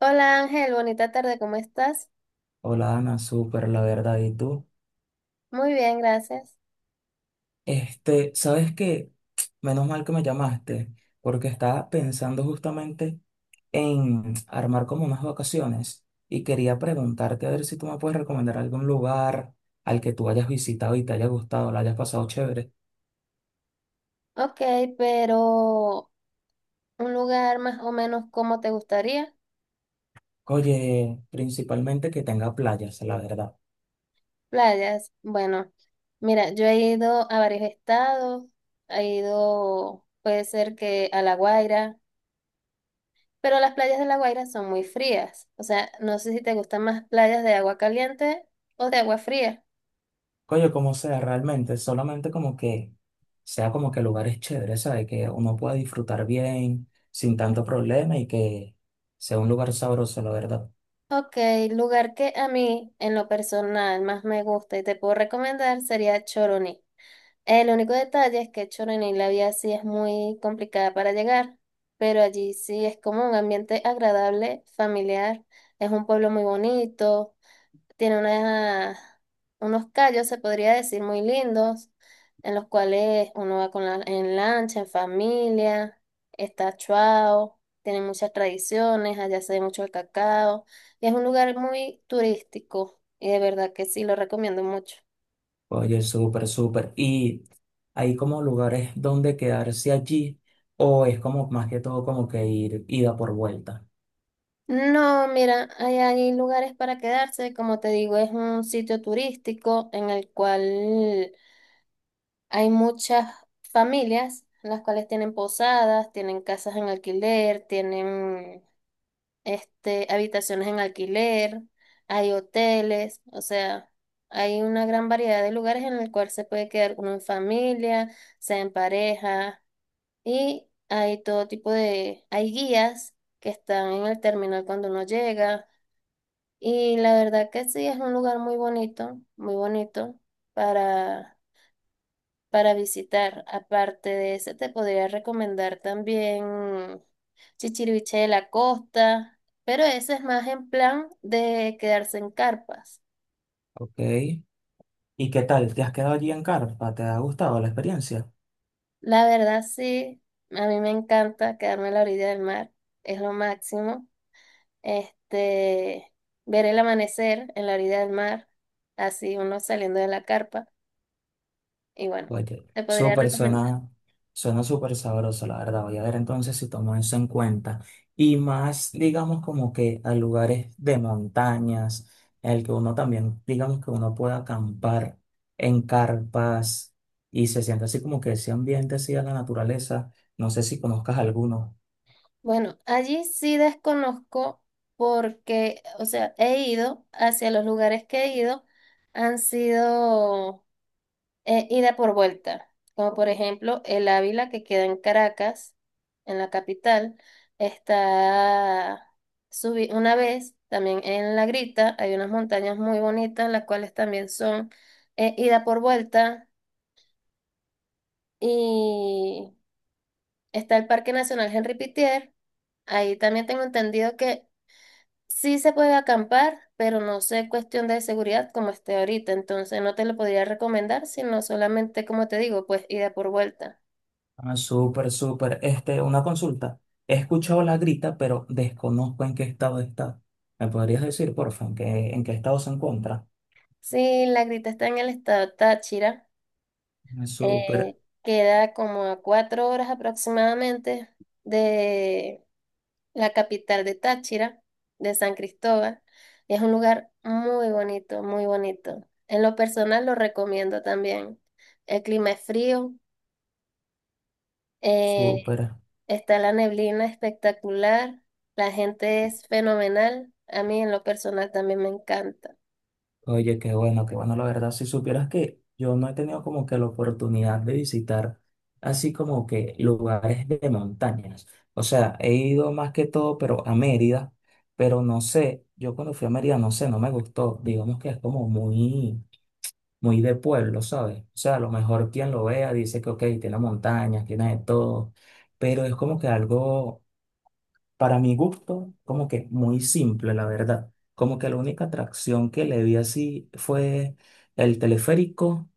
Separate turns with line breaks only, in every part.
Hola Ángel, bonita tarde, ¿cómo estás?
Hola Ana, súper, la verdad. ¿Y tú?
Muy bien, gracias.
¿Sabes qué? Menos mal que me llamaste, porque estaba pensando justamente en armar como unas vacaciones y quería preguntarte a ver si tú me puedes recomendar algún lugar al que tú hayas visitado y te haya gustado, la hayas pasado chévere.
Ok, pero un lugar más o menos como te gustaría,
Oye, principalmente que tenga playas, la verdad.
playas. Bueno, mira, yo he ido a varios estados, he ido, puede ser que a La Guaira, pero las playas de La Guaira son muy frías. O sea, no sé si te gustan más playas de agua caliente o de agua fría.
Coño, como sea, realmente, solamente como que sea como que lugares chéveres, ¿sabes? Que uno pueda disfrutar bien, sin tanto problema y que sea un lugar sabroso, la verdad.
Ok, lugar que a mí en lo personal más me gusta y te puedo recomendar sería Choroní. El único detalle es que Choroní, la vía sí es muy complicada para llegar, pero allí sí es como un ambiente agradable, familiar. Es un pueblo muy bonito, tiene unos callos, se podría decir, muy lindos, en los cuales uno va con la, en lancha, en familia, está Chuao, tiene muchas tradiciones, allá se ve mucho el cacao, y es un lugar muy turístico, y de verdad que sí lo recomiendo mucho.
Oye, súper, súper. ¿Y hay como lugares donde quedarse allí o es como más que todo como que ir ida por vuelta?
No, mira, hay lugares para quedarse, como te digo, es un sitio turístico en el cual hay muchas familias, las cuales tienen posadas, tienen casas en alquiler, tienen habitaciones en alquiler, hay hoteles, o sea, hay una gran variedad de lugares en el cual se puede quedar uno en familia, sea en pareja, y hay todo tipo de, hay guías que están en el terminal cuando uno llega. Y la verdad que sí, es un lugar muy bonito para, para visitar. Aparte de ese, te podría recomendar también Chichiriviche de la Costa, pero ese es más en plan de quedarse en carpas.
¿Ok? ¿Y qué tal? ¿Te has quedado allí en Carpa? ¿Te ha gustado la experiencia?
La verdad sí, a mí me encanta quedarme a la orilla del mar, es lo máximo. Este, Ver el amanecer en la orilla del mar, así uno saliendo de la carpa. Y bueno,
Oye,
te podría
súper
recomendar.
suena súper sabroso, la verdad. Voy a ver entonces si tomo eso en cuenta. Y más, digamos, como que a lugares de montañas, en el que uno también, digamos, que uno pueda acampar en carpas y se siente así como que ese ambiente así a la naturaleza. No sé si conozcas alguno.
Bueno, allí sí desconozco porque, o sea, he ido hacia los lugares que he ido, han sido ida por vuelta, como por ejemplo el Ávila que queda en Caracas, en la capital, está, subí una vez también en La Grita, hay unas montañas muy bonitas, las cuales también son ida por vuelta, y está el Parque Nacional Henri Pittier, ahí también tengo entendido que sí se puede acampar, pero no sé cuestión de seguridad como esté ahorita, entonces no te lo podría recomendar, sino solamente, como te digo, pues ida por vuelta.
Ah, súper, súper. Una consulta. He escuchado la grita, pero desconozco en qué estado está. ¿Me podrías decir, porfa, en qué estado se encuentra?
Sí, La Grita está en el estado Táchira,
Ah, súper.
queda como a cuatro horas aproximadamente de la capital de Táchira, de San Cristóbal. Es un lugar muy bonito, muy bonito. En lo personal lo recomiendo también. El clima es frío. eh,
Súper.
Está la neblina espectacular, la gente es fenomenal, a mí en lo personal también me encanta.
Oye, qué bueno, la verdad. Si supieras que yo no he tenido como que la oportunidad de visitar así como que lugares de montañas. O sea, he ido más que todo, pero a Mérida, pero no sé, yo cuando fui a Mérida, no sé, no me gustó. Digamos que es como muy, muy de pueblo, ¿sabes? O sea, a lo mejor quien lo vea dice que, ok, tiene montañas, tiene de todo, pero es como que algo. Para mi gusto, como que muy simple, la verdad. Como que la única atracción que le vi así fue el teleférico,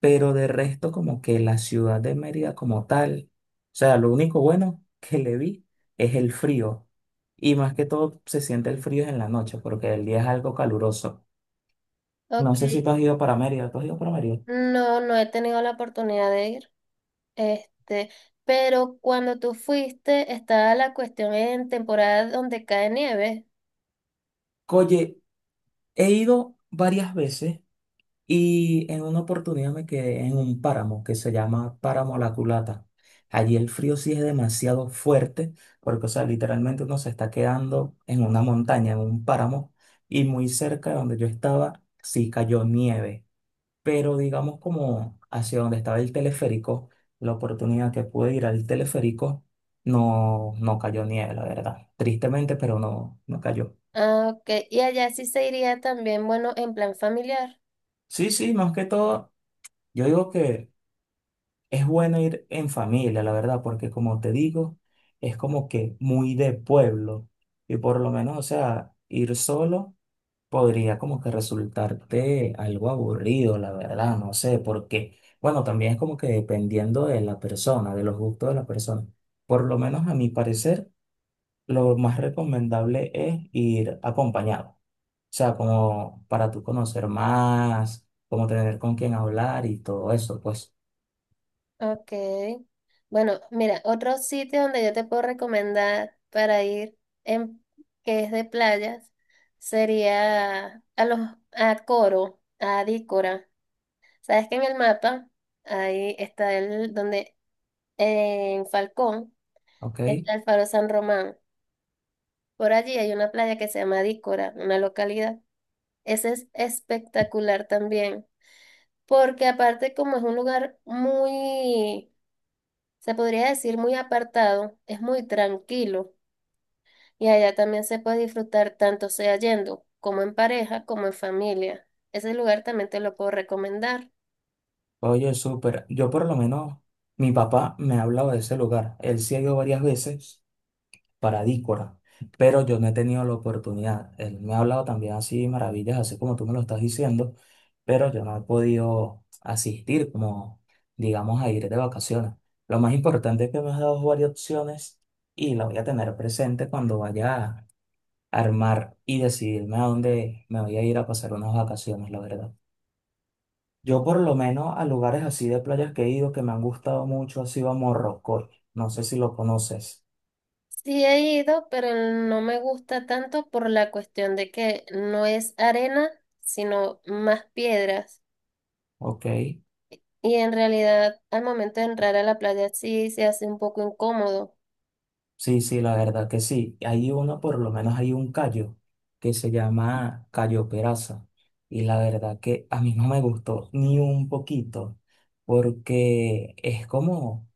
pero de resto como que la ciudad de Mérida como tal, o sea, lo único bueno que le vi es el frío. Y más que todo se siente el frío en la noche, porque el día es algo caluroso. No
Ok,
sé si tú has ido para Mérida, ¿tú has ido para Mérida?
no, no he tenido la oportunidad de ir, este, pero cuando tú fuiste estaba la cuestión en temporada donde cae nieve.
Oye, he ido varias veces. Y en una oportunidad me quedé en un páramo que se llama Páramo La Culata. Allí el frío sí es demasiado fuerte, porque, o sea, literalmente uno se está quedando en una montaña, en un páramo, y muy cerca de donde yo estaba sí cayó nieve. Pero digamos como hacia donde estaba el teleférico, la oportunidad que pude ir al teleférico, no, no cayó nieve, la verdad. Tristemente, pero no, no cayó.
Ah, ok, y allá sí se iría también, bueno, en plan familiar.
Sí, sí, más que todo, yo digo que. Es bueno ir en familia, la verdad, porque como te digo, es como que muy de pueblo. Y por lo menos, o sea, ir solo podría como que resultarte algo aburrido, la verdad, no sé, porque, bueno, también es como que dependiendo de la persona, de los gustos de la persona. Por lo menos a mi parecer, lo más recomendable es ir acompañado. O sea, como para tú conocer más, como tener con quién hablar y todo eso, pues,
Ok. Bueno, mira, otro sitio donde yo te puedo recomendar para ir, en, que es de playas, sería a los a Coro, a Dícora. Sabes que en el mapa, ahí está el, donde en Falcón
¿ok?
está el Faro San Román. Por allí hay una playa que se llama Dícora, una localidad. Ese es espectacular también, porque aparte como es un lugar muy, se podría decir muy apartado, es muy tranquilo y allá también se puede disfrutar tanto sea yendo como en pareja como en familia. Ese lugar también te lo puedo recomendar.
Oye, súper. Yo por lo menos, mi papá me ha hablado de ese lugar. Él sí ha ido varias veces para Dícora, pero yo no he tenido la oportunidad. Él me ha hablado también así maravillas, así como tú me lo estás diciendo, pero yo no he podido asistir como, digamos, a ir de vacaciones. Lo más importante es que me has dado varias opciones y la voy a tener presente cuando vaya a armar y decidirme a dónde me voy a ir a pasar unas vacaciones, la verdad. Yo por lo menos a lugares así de playas que he ido que me han gustado mucho ha sido a Morrocoy. No sé si lo conoces.
Sí he ido, pero no me gusta tanto por la cuestión de que no es arena, sino más piedras.
Ok.
Y en realidad, al momento de entrar a la playa sí se hace un poco incómodo.
Sí, sí, la verdad que sí. Hay uno, por lo menos hay un callo que se llama Cayo Peraza. Y la verdad que a mí no me gustó ni un poquito porque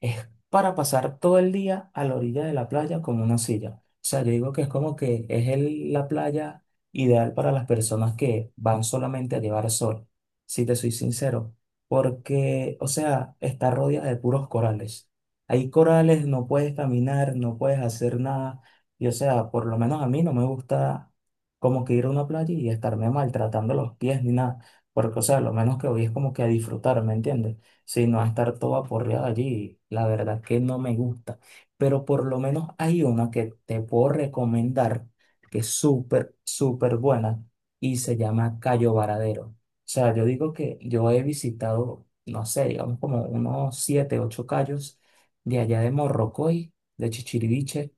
es para pasar todo el día a la orilla de la playa con una silla. O sea, yo digo que es como que la playa ideal para las personas que van solamente a llevar sol, si te soy sincero, porque, o sea, está rodeada de puros corales. Hay corales, no puedes caminar, no puedes hacer nada. Y o sea, por lo menos a mí no me gusta como que ir a una playa y estarme maltratando los pies ni nada, porque, o sea, lo menos que voy es como que a disfrutar, ¿me entiendes? Sí, no va a estar todo aporreado allí. La verdad que no me gusta. Pero por lo menos hay una que te puedo recomendar que es súper, súper buena y se llama Cayo Varadero. O sea, yo digo que yo he visitado, no sé, digamos como unos siete, ocho cayos de allá de Morrocoy, de Chichiriviche.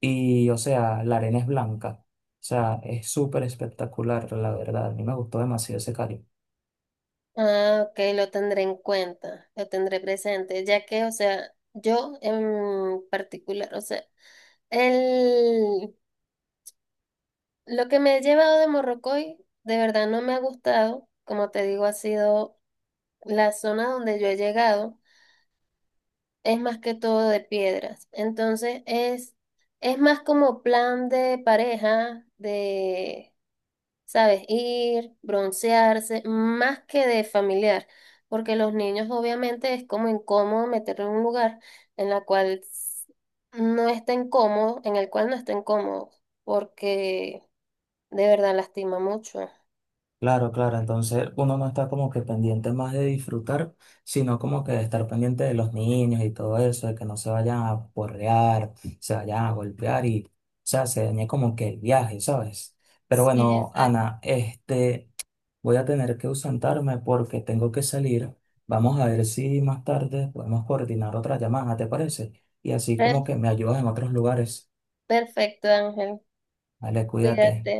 Y, o sea, la arena es blanca. O sea, es súper espectacular, la verdad. A mí me gustó demasiado ese cayo.
Ah, ok, lo tendré en cuenta, lo tendré presente, ya que, o sea, yo en particular, o sea, el, lo que me he llevado de Morrocoy de verdad no me ha gustado, como te digo, ha sido la zona donde yo he llegado, es más que todo de piedras, entonces es más como plan de pareja, de ¿sabes? Ir, broncearse, más que de familiar, porque los niños obviamente es como incómodo meterlo en un lugar en la cual s- no estén cómodos, en el cual no estén cómodos, porque de verdad lastima mucho.
Claro, claro, entonces uno no está como que pendiente más de disfrutar, sino como que de estar pendiente de los niños y todo eso, de que no se vayan a porrear, se vayan a golpear y, o sea, se dañe como que el viaje, ¿sabes? Pero
Sí,
bueno,
exacto.
Ana, voy a tener que ausentarme porque tengo que salir. Vamos a ver si más tarde podemos coordinar otra llamada, ¿te parece? Y así
Per-
como que me ayudas en otros lugares.
Perfecto, Ángel.
Vale, cuídate.
Cuídate.